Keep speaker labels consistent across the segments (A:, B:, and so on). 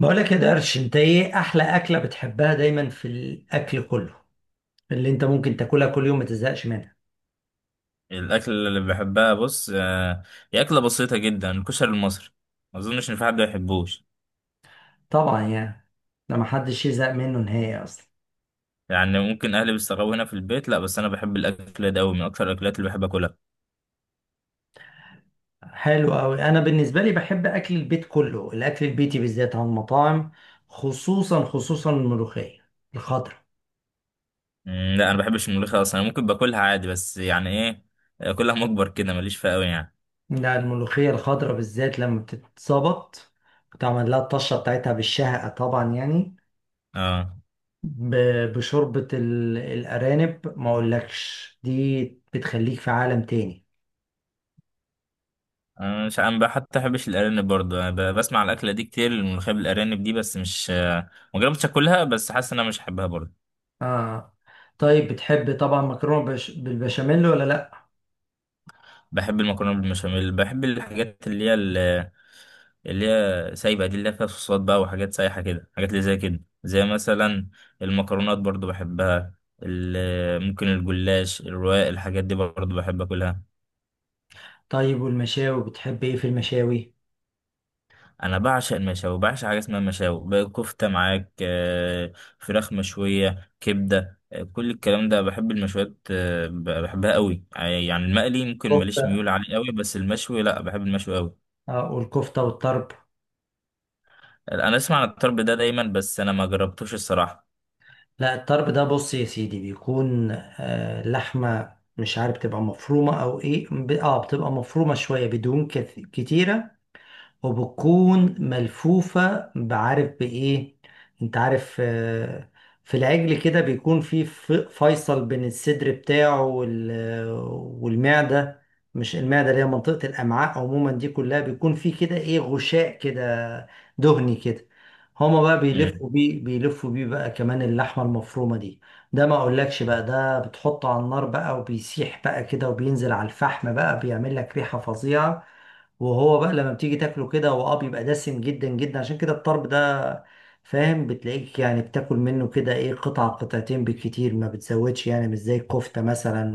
A: بقولك يا درش، انت ايه احلى اكلة بتحبها دايما في الاكل كله اللي انت ممكن تاكلها كل يوم ما تزهقش منها؟
B: الاكل اللي بحبها بص هي اكله بسيطه جدا، الكشري المصري. ما اظنش ان في حد ما يحبوش.
A: طبعا يعني ده ما حدش يزهق منه نهائي اصلا.
B: يعني ممكن اهلي بيستغربوا هنا في البيت، لا بس انا بحب الاكل ده قوي، من اكتر الاكلات اللي بحب اكلها.
A: حلو قوي. انا بالنسبة لي بحب اكل البيت كله، الاكل البيتي بالذات عن المطاعم، خصوصا الملوخية الخضراء.
B: لا انا ما بحبش الملوخيه اصلا، أنا ممكن باكلها عادي بس يعني ايه، اكلها مجبر كده ماليش فيها قوي يعني.
A: لا، الملوخية الخضراء بالذات لما بتتظبط وتعمل لها الطشة بتاعتها بالشهقة، طبعا يعني
B: اه.
A: الأرانب، ما أقولكش دي بتخليك في عالم تاني.
B: انا مش، انا بقى حتى بحبش الارانب برضه، انا بسمع على الاكله دي كتير، الملوخيه بالارانب دي، بس مش، ما جربتش اكلها، بس حاسس ان انا مش هحبها برضه.
A: آه. طيب، بتحب طبعا مكرونة بالبشاميل ولا لأ؟
B: بحب المكرونه بالبشاميل، بحب الحاجات اللي هي سايبة دي، اللي هي فيها صوصات بقى وحاجات سايحة كده، حاجات اللي زي كده زي مثلا المكرونات برضو بحبها. ممكن الجلاش الرواق الحاجات دي برضو بحب اكلها.
A: طيب، والمشاوي بتحب إيه في المشاوي؟
B: انا بعشق المشاوي، بعشق حاجة اسمها مشاوي بقى، كفتة معاك، فراخ مشوية، كبدة، كل الكلام ده بحب المشويات، بحبها قوي، يعني المقلي ممكن ماليش
A: كفتة،
B: ميول عليه قوي، بس المشوي لا بحب المشوي قوي.
A: آه، والكفتة والطرب.
B: انا اسمع عن الطرب ده دايما، بس انا ما جربتوش الصراحة.
A: لا، الطرب ده بص يا سيدي، بيكون آه لحمة مش عارف، بتبقى مفرومة أو إيه، آه، بتبقى مفرومة شوية بدهون كتيرة، وبتكون ملفوفة بعارف بإيه. أنت عارف آه، في العجل كده بيكون في فيصل بين الصدر بتاعه والمعدة. مش المعدة اللي هي منطقة الأمعاء عموما، دي كلها بيكون في كده إيه، غشاء كده دهني كده. هما بقى
B: مم.
A: بيلفوا بيه، بيلفوا بيه بقى كمان اللحمة المفرومة دي. ده ما اقولكش بقى، ده بتحطه على النار بقى وبيسيح بقى كده وبينزل على الفحم بقى، بيعمل لك ريحة فظيعة. وهو بقى لما بتيجي تاكله كده، هو اه بيبقى دسم جدا جدا، عشان كده الطرب ده فاهم، بتلاقيك يعني بتاكل منه كده ايه، قطعة قطعتين بالكتير، ما بتزودش، يعني مش زي الكفتة مثلا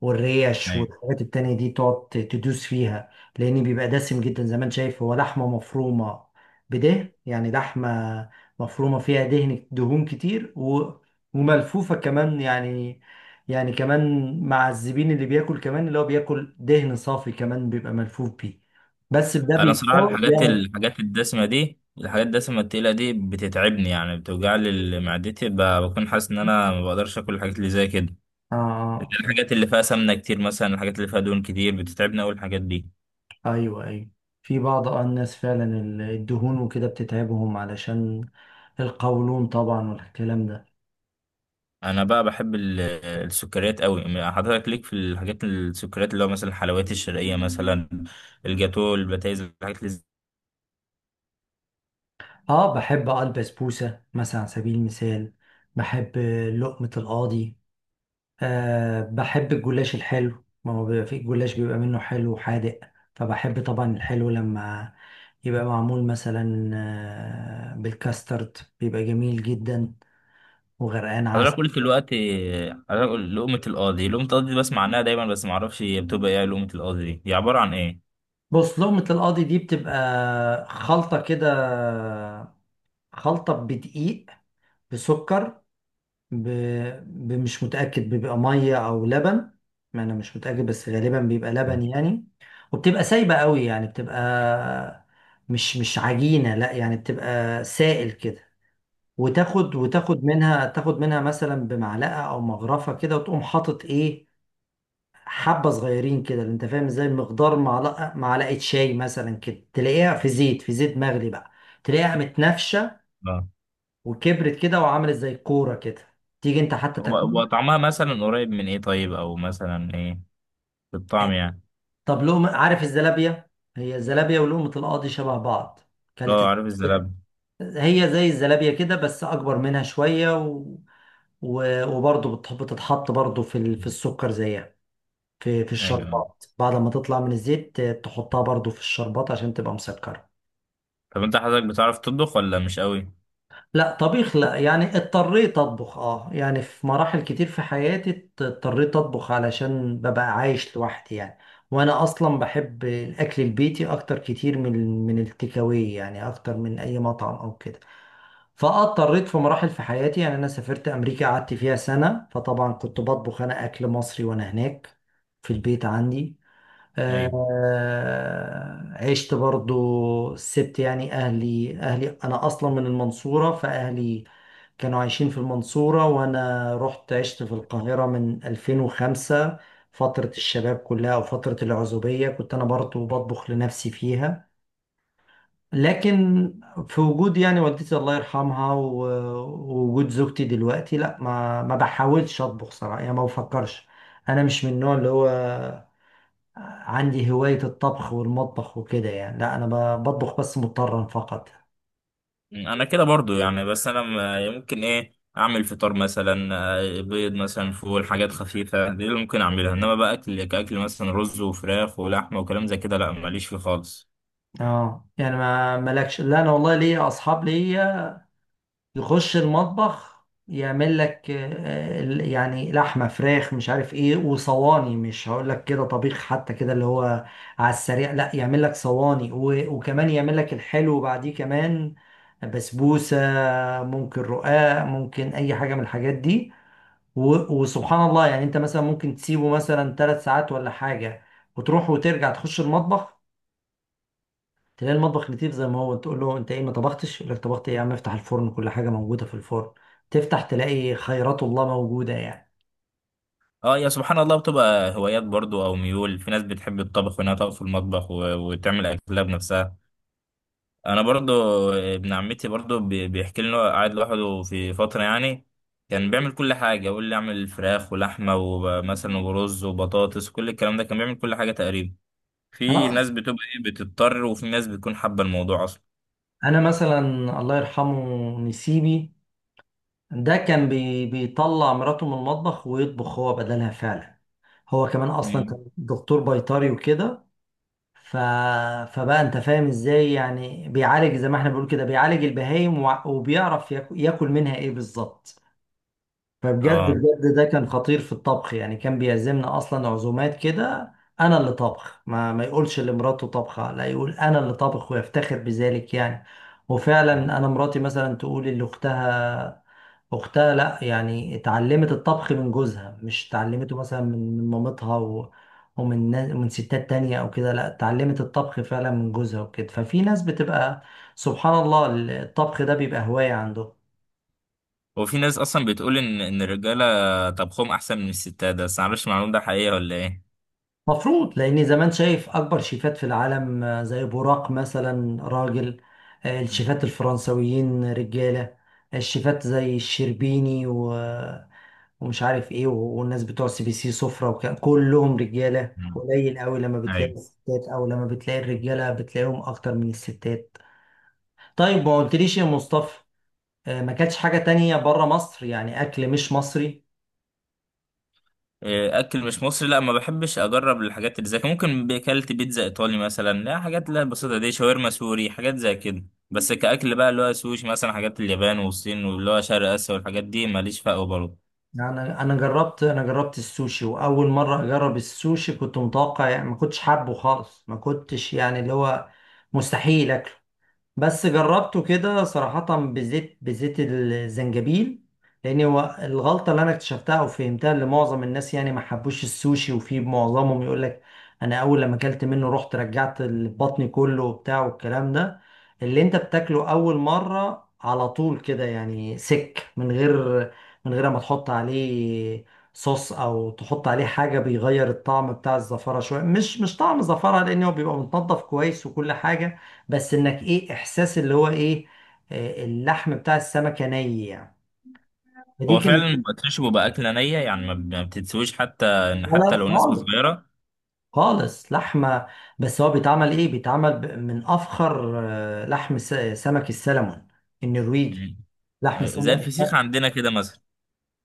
A: والريش
B: أيوة.
A: والحاجات التانية دي تقعد تدوس فيها. لأن بيبقى دسم جدا زي ما انت شايف، هو لحمة مفرومة بده يعني، لحمة مفرومة فيها دهن، دهون كتير وملفوفة كمان يعني، يعني كمان مع الزبين اللي بياكل كمان اللي هو بياكل دهن صافي كمان، بيبقى ملفوف بيه. بس ده
B: انا صراحه
A: بيتساوي يعني.
B: الحاجات الدسمه التقيله دي بتتعبني، يعني بتوجع لي معدتي، بكون حاسس ان انا ما بقدرش اكل الحاجات اللي زي كده.
A: آه آه،
B: الحاجات اللي فيها سمنه كتير مثلا، الحاجات اللي فيها دهون كتير، بتتعبني اول الحاجات دي.
A: أيوه أيوه. في بعض آه الناس فعلا الدهون وكده بتتعبهم، علشان القولون طبعا والكلام ده.
B: انا بقى بحب السكريات قوي، حضرتك ليك في الحاجات السكريات اللي هو مثلا الحلويات الشرقيه مثلا، الجاتو، البتايز، الحاجات اللي زي-.
A: اه، بحب اه البسبوسة مثلا على سبيل المثال، بحب لقمة القاضي، آه بحب الجلاش الحلو. ما هو بيبقى في الجلاش بيبقى منه حلو وحادق، فبحب طبعا الحلو لما يبقى معمول مثلا آه بالكاسترد، بيبقى جميل جدا وغرقان
B: حضرتك
A: عسل.
B: قلت دلوقتي حضرتك قلت لقمه القاضي، لقمه القاضي دي بسمع عنها دايما بس ما اعرفش هي بتبقى ايه، لقمه القاضي دي هي عباره عن ايه؟
A: بص، لقمة القاضي دي بتبقى خلطة كده، خلطة بدقيق، بسكر، ب... مش متأكد، بيبقى مية أو لبن، ما أنا مش متأكد، بس غالبا بيبقى لبن يعني. وبتبقى سايبة قوي، يعني بتبقى مش عجينة، لا يعني بتبقى سائل كده. وتاخد منها، تاخد منها مثلا بمعلقة أو مغرفة كده، وتقوم حاطط إيه، حبة صغيرين كده، اللي أنت فاهم إزاي، مقدار معلقة، معلقة شاي مثلا كده، تلاقيها في زيت، في زيت مغلي بقى، تلاقيها متنفشة وكبرت كده وعملت زي كورة كده، تيجي أنت حتى
B: هو
A: تاكلها.
B: هو طعمها مثلا قريب من ايه طيب، او مثلا ايه في الطعم يعني؟
A: طب لقمة، عارف الزلابية؟ هي الزلابية ولقمة القاضي شبه بعض.
B: اه
A: كلت؟
B: عارف الزلاب.
A: هي زي الزلابية كده بس أكبر منها شوية وبرضه بتتحط برضه في السكر زيها، في
B: ايوه.
A: الشربات، بعد ما تطلع من الزيت تحطها برضه في الشربات عشان تبقى مسكرة.
B: طب انت حضرتك بتعرف تطبخ ولا مش قوي؟
A: لا، طبيخ لا يعني، اضطريت اطبخ اه يعني. في مراحل كتير في حياتي اضطريت اطبخ علشان ببقى عايش لوحدي يعني، وانا اصلا بحب الاكل البيتي اكتر كتير من التكاوي يعني، اكتر من اي مطعم او كده. فاضطريت في مراحل في حياتي يعني، انا سافرت امريكا قعدت فيها سنة، فطبعا كنت بطبخ انا اكل مصري وانا هناك في البيت عندي.
B: ايوه.
A: آه، عشت برضو سبت يعني أهلي أنا أصلا من المنصورة، فأهلي كانوا عايشين في المنصورة، وأنا رحت عشت في القاهرة من 2005، فترة الشباب كلها أو فترة العزوبية كنت أنا برضو بطبخ لنفسي فيها. لكن في وجود يعني والدتي الله يرحمها ووجود زوجتي دلوقتي، لا ما بحاولش أطبخ صراحة يعني، ما بفكرش. أنا مش من النوع اللي هو عندي هواية الطبخ والمطبخ وكده يعني، لا انا بطبخ بس مضطرا فقط.
B: انا كده برضو يعني، بس انا ممكن ايه اعمل فطار مثلا، بيض مثلا، فول، حاجات خفيفه دي اللي ممكن اعملها، انما بقى اكل كاكل مثلا رز وفراخ ولحمه وكلام زي كده، لا ماليش فيه خالص.
A: اه يعني ما مالكش. لا انا والله ليا اصحاب ليا يخش المطبخ يعمل لك آه، يعني لحمة، فراخ، مش عارف ايه، وصواني مش هقول لك كده طبيخ حتى كده اللي هو على السريع، لا يعمل لك صواني وكمان يعمل لك الحلو بعديه كمان، بسبوسة، ممكن رقاق، ممكن اي حاجة من الحاجات دي. وسبحان الله يعني، انت مثلا ممكن تسيبه مثلا ثلاث ساعات ولا حاجة، وتروح وترجع تخش المطبخ تلاقي المطبخ لطيف زي ما هو، تقول له انت ايه ما طبختش، يقول لك طبخت ايه يا عم، افتح الفرن كل حاجة موجودة في الفرن. تفتح تلاقي خيرات الله موجودة يعني.
B: اه يا سبحان الله، بتبقى هوايات برضو او ميول، في ناس بتحب الطبخ وانها تقف في المطبخ وتعمل اكلها بنفسها. انا برضو، ابن عمتي برضو بيحكي لي إن هو قاعد لوحده في فتره يعني، كان بيعمل كل حاجه، يقول لي اعمل فراخ ولحمه ومثلا ورز وبطاطس، كل الكلام ده كان بيعمل كل حاجه تقريبا. في ناس
A: آه.
B: بتبقى ايه بتضطر، وفي ناس بتكون حابه الموضوع اصلا.
A: انا مثلا، الله يرحمه، نسيبي ده كان بي، بيطلع مراته من المطبخ ويطبخ هو بدلها فعلا. هو كمان اصلا
B: مم.
A: كان دكتور بيطري وكده، ف... فبقى انت فاهم ازاي يعني، بيعالج زي ما احنا بنقول كده، بيعالج البهايم وبيعرف ياكل منها ايه بالظبط. فبجد
B: اه.
A: بجد ده كان خطير في الطبخ يعني، كان بيعزمنا اصلا عزومات كده، انا اللي طبخ، ما يقولش لمراته طبخه، لا يقول انا اللي طبخ ويفتخر بذلك يعني. وفعلا انا مراتي مثلا تقول اللي اختها، اختها لا يعني اتعلمت الطبخ من جوزها، مش اتعلمته مثلا من مامتها ومن من ستات تانية او كده، لا اتعلمت الطبخ فعلا من جوزها وكده. ففي ناس بتبقى سبحان الله، الطبخ ده بيبقى هواية عنده.
B: وفي ناس اصلا بتقول ان الرجاله طبخهم احسن من الستات، ده بس معرفش المعلومه ده حقيقه ولا ايه.
A: مفروض، لان زمان شايف اكبر شيفات في العالم آه، زي بوراق مثلا راجل، آه، الشيفات الفرنسويين رجاله، الشيفات زي الشربيني آه، ومش عارف ايه والناس بتوع سي بي سي سفرة، وكان كلهم رجاله.
B: مم.
A: قليل قوي لما بتلاقي
B: ايوه.
A: الستات، او لما بتلاقي الرجاله بتلاقيهم اكتر من الستات. طيب ما قلتليش يا مصطفى، آه، ما كانتش حاجه تانية بره مصر يعني اكل مش مصري؟
B: إيه، اكل مش مصري، لا ما بحبش اجرب الحاجات اللي زي كده، ممكن اكلت بيتزا ايطالي مثلا، لا حاجات لا بسيطه دي، شاورما سوري حاجات زي كده، بس كاكل بقى اللي هو سوشي مثلا، حاجات اليابان والصين واللي هو شرق اسيا والحاجات دي ماليش فقه برضه.
A: انا جربت، انا جربت السوشي. واول مره اجرب السوشي كنت متوقع يعني، ما كنتش حابه خالص، ما كنتش يعني اللي هو مستحيل اكله. بس جربته كده صراحة بزيت الزنجبيل، لأن هو الغلطة اللي أنا اكتشفتها أو فهمتها، اللي معظم الناس يعني ما حبوش السوشي، وفي معظمهم يقول لك أنا أول لما أكلت منه رحت رجعت بطني كله وبتاع والكلام ده، اللي أنت بتاكله أول مرة على طول كده يعني سك، من غير، من غير ما تحط عليه صوص أو تحط عليه حاجة بيغير الطعم بتاع الزفرة شوية، مش مش طعم زفرة، لأن هو بيبقى متنضف كويس وكل حاجة، بس انك ايه احساس اللي هو ايه، آه، اللحم بتاع السمكه ني يعني. فدي
B: هو
A: كانت.
B: فعلا بيبقى ترش وبيبقى اكله نيه يعني، ما بتتسويش حتى، ان
A: لا
B: حتى
A: لا
B: لو نسبه
A: خالص
B: صغيره.
A: خالص لحمه بس هو بيتعمل ايه بيتعمل ب- من افخر آه، لحم س- سمك السلمون النرويجي
B: مم.
A: لحم
B: زي
A: سمك
B: الفسيخ عندنا كده مثلا.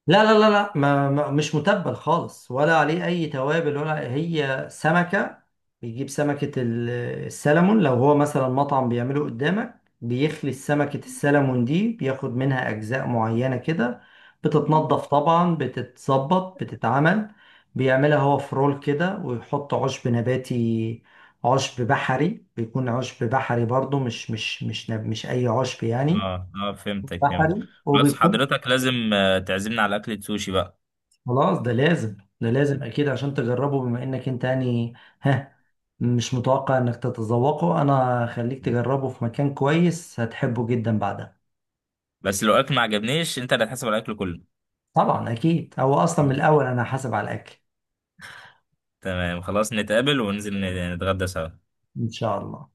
A: لا لا لا لا، ما مش متبل خالص، ولا عليه اي توابل ولا، هي سمكة، بيجيب سمكة السلمون. لو هو مثلا مطعم بيعمله قدامك، بيخلي سمكة السلمون دي بياخد منها اجزاء معينة كده، بتتنضف طبعا، بتتظبط، بتتعمل، بيعملها هو في رول كده، ويحط عشب نباتي، عشب بحري، بيكون عشب بحري برضو، مش اي عشب يعني،
B: اه اه فهمتك، فهمت.
A: بحري
B: بس
A: وبيكون.
B: حضرتك لازم، تعزمنا على اكله سوشي بقى.
A: خلاص، ده لازم، ده لازم اكيد عشان تجربه، بما انك انت يعني، ها، مش متوقع انك تتذوقه، انا خليك تجربه في مكان كويس هتحبه جدا بعدها.
B: بس لو اكل ما عجبنيش انت اللي هتحاسب على الاكل كله.
A: طبعا اكيد، هو اصلا من الاول انا حاسب على الاكل.
B: تمام خلاص، نتقابل وننزل نتغدى سوا.
A: ان شاء الله.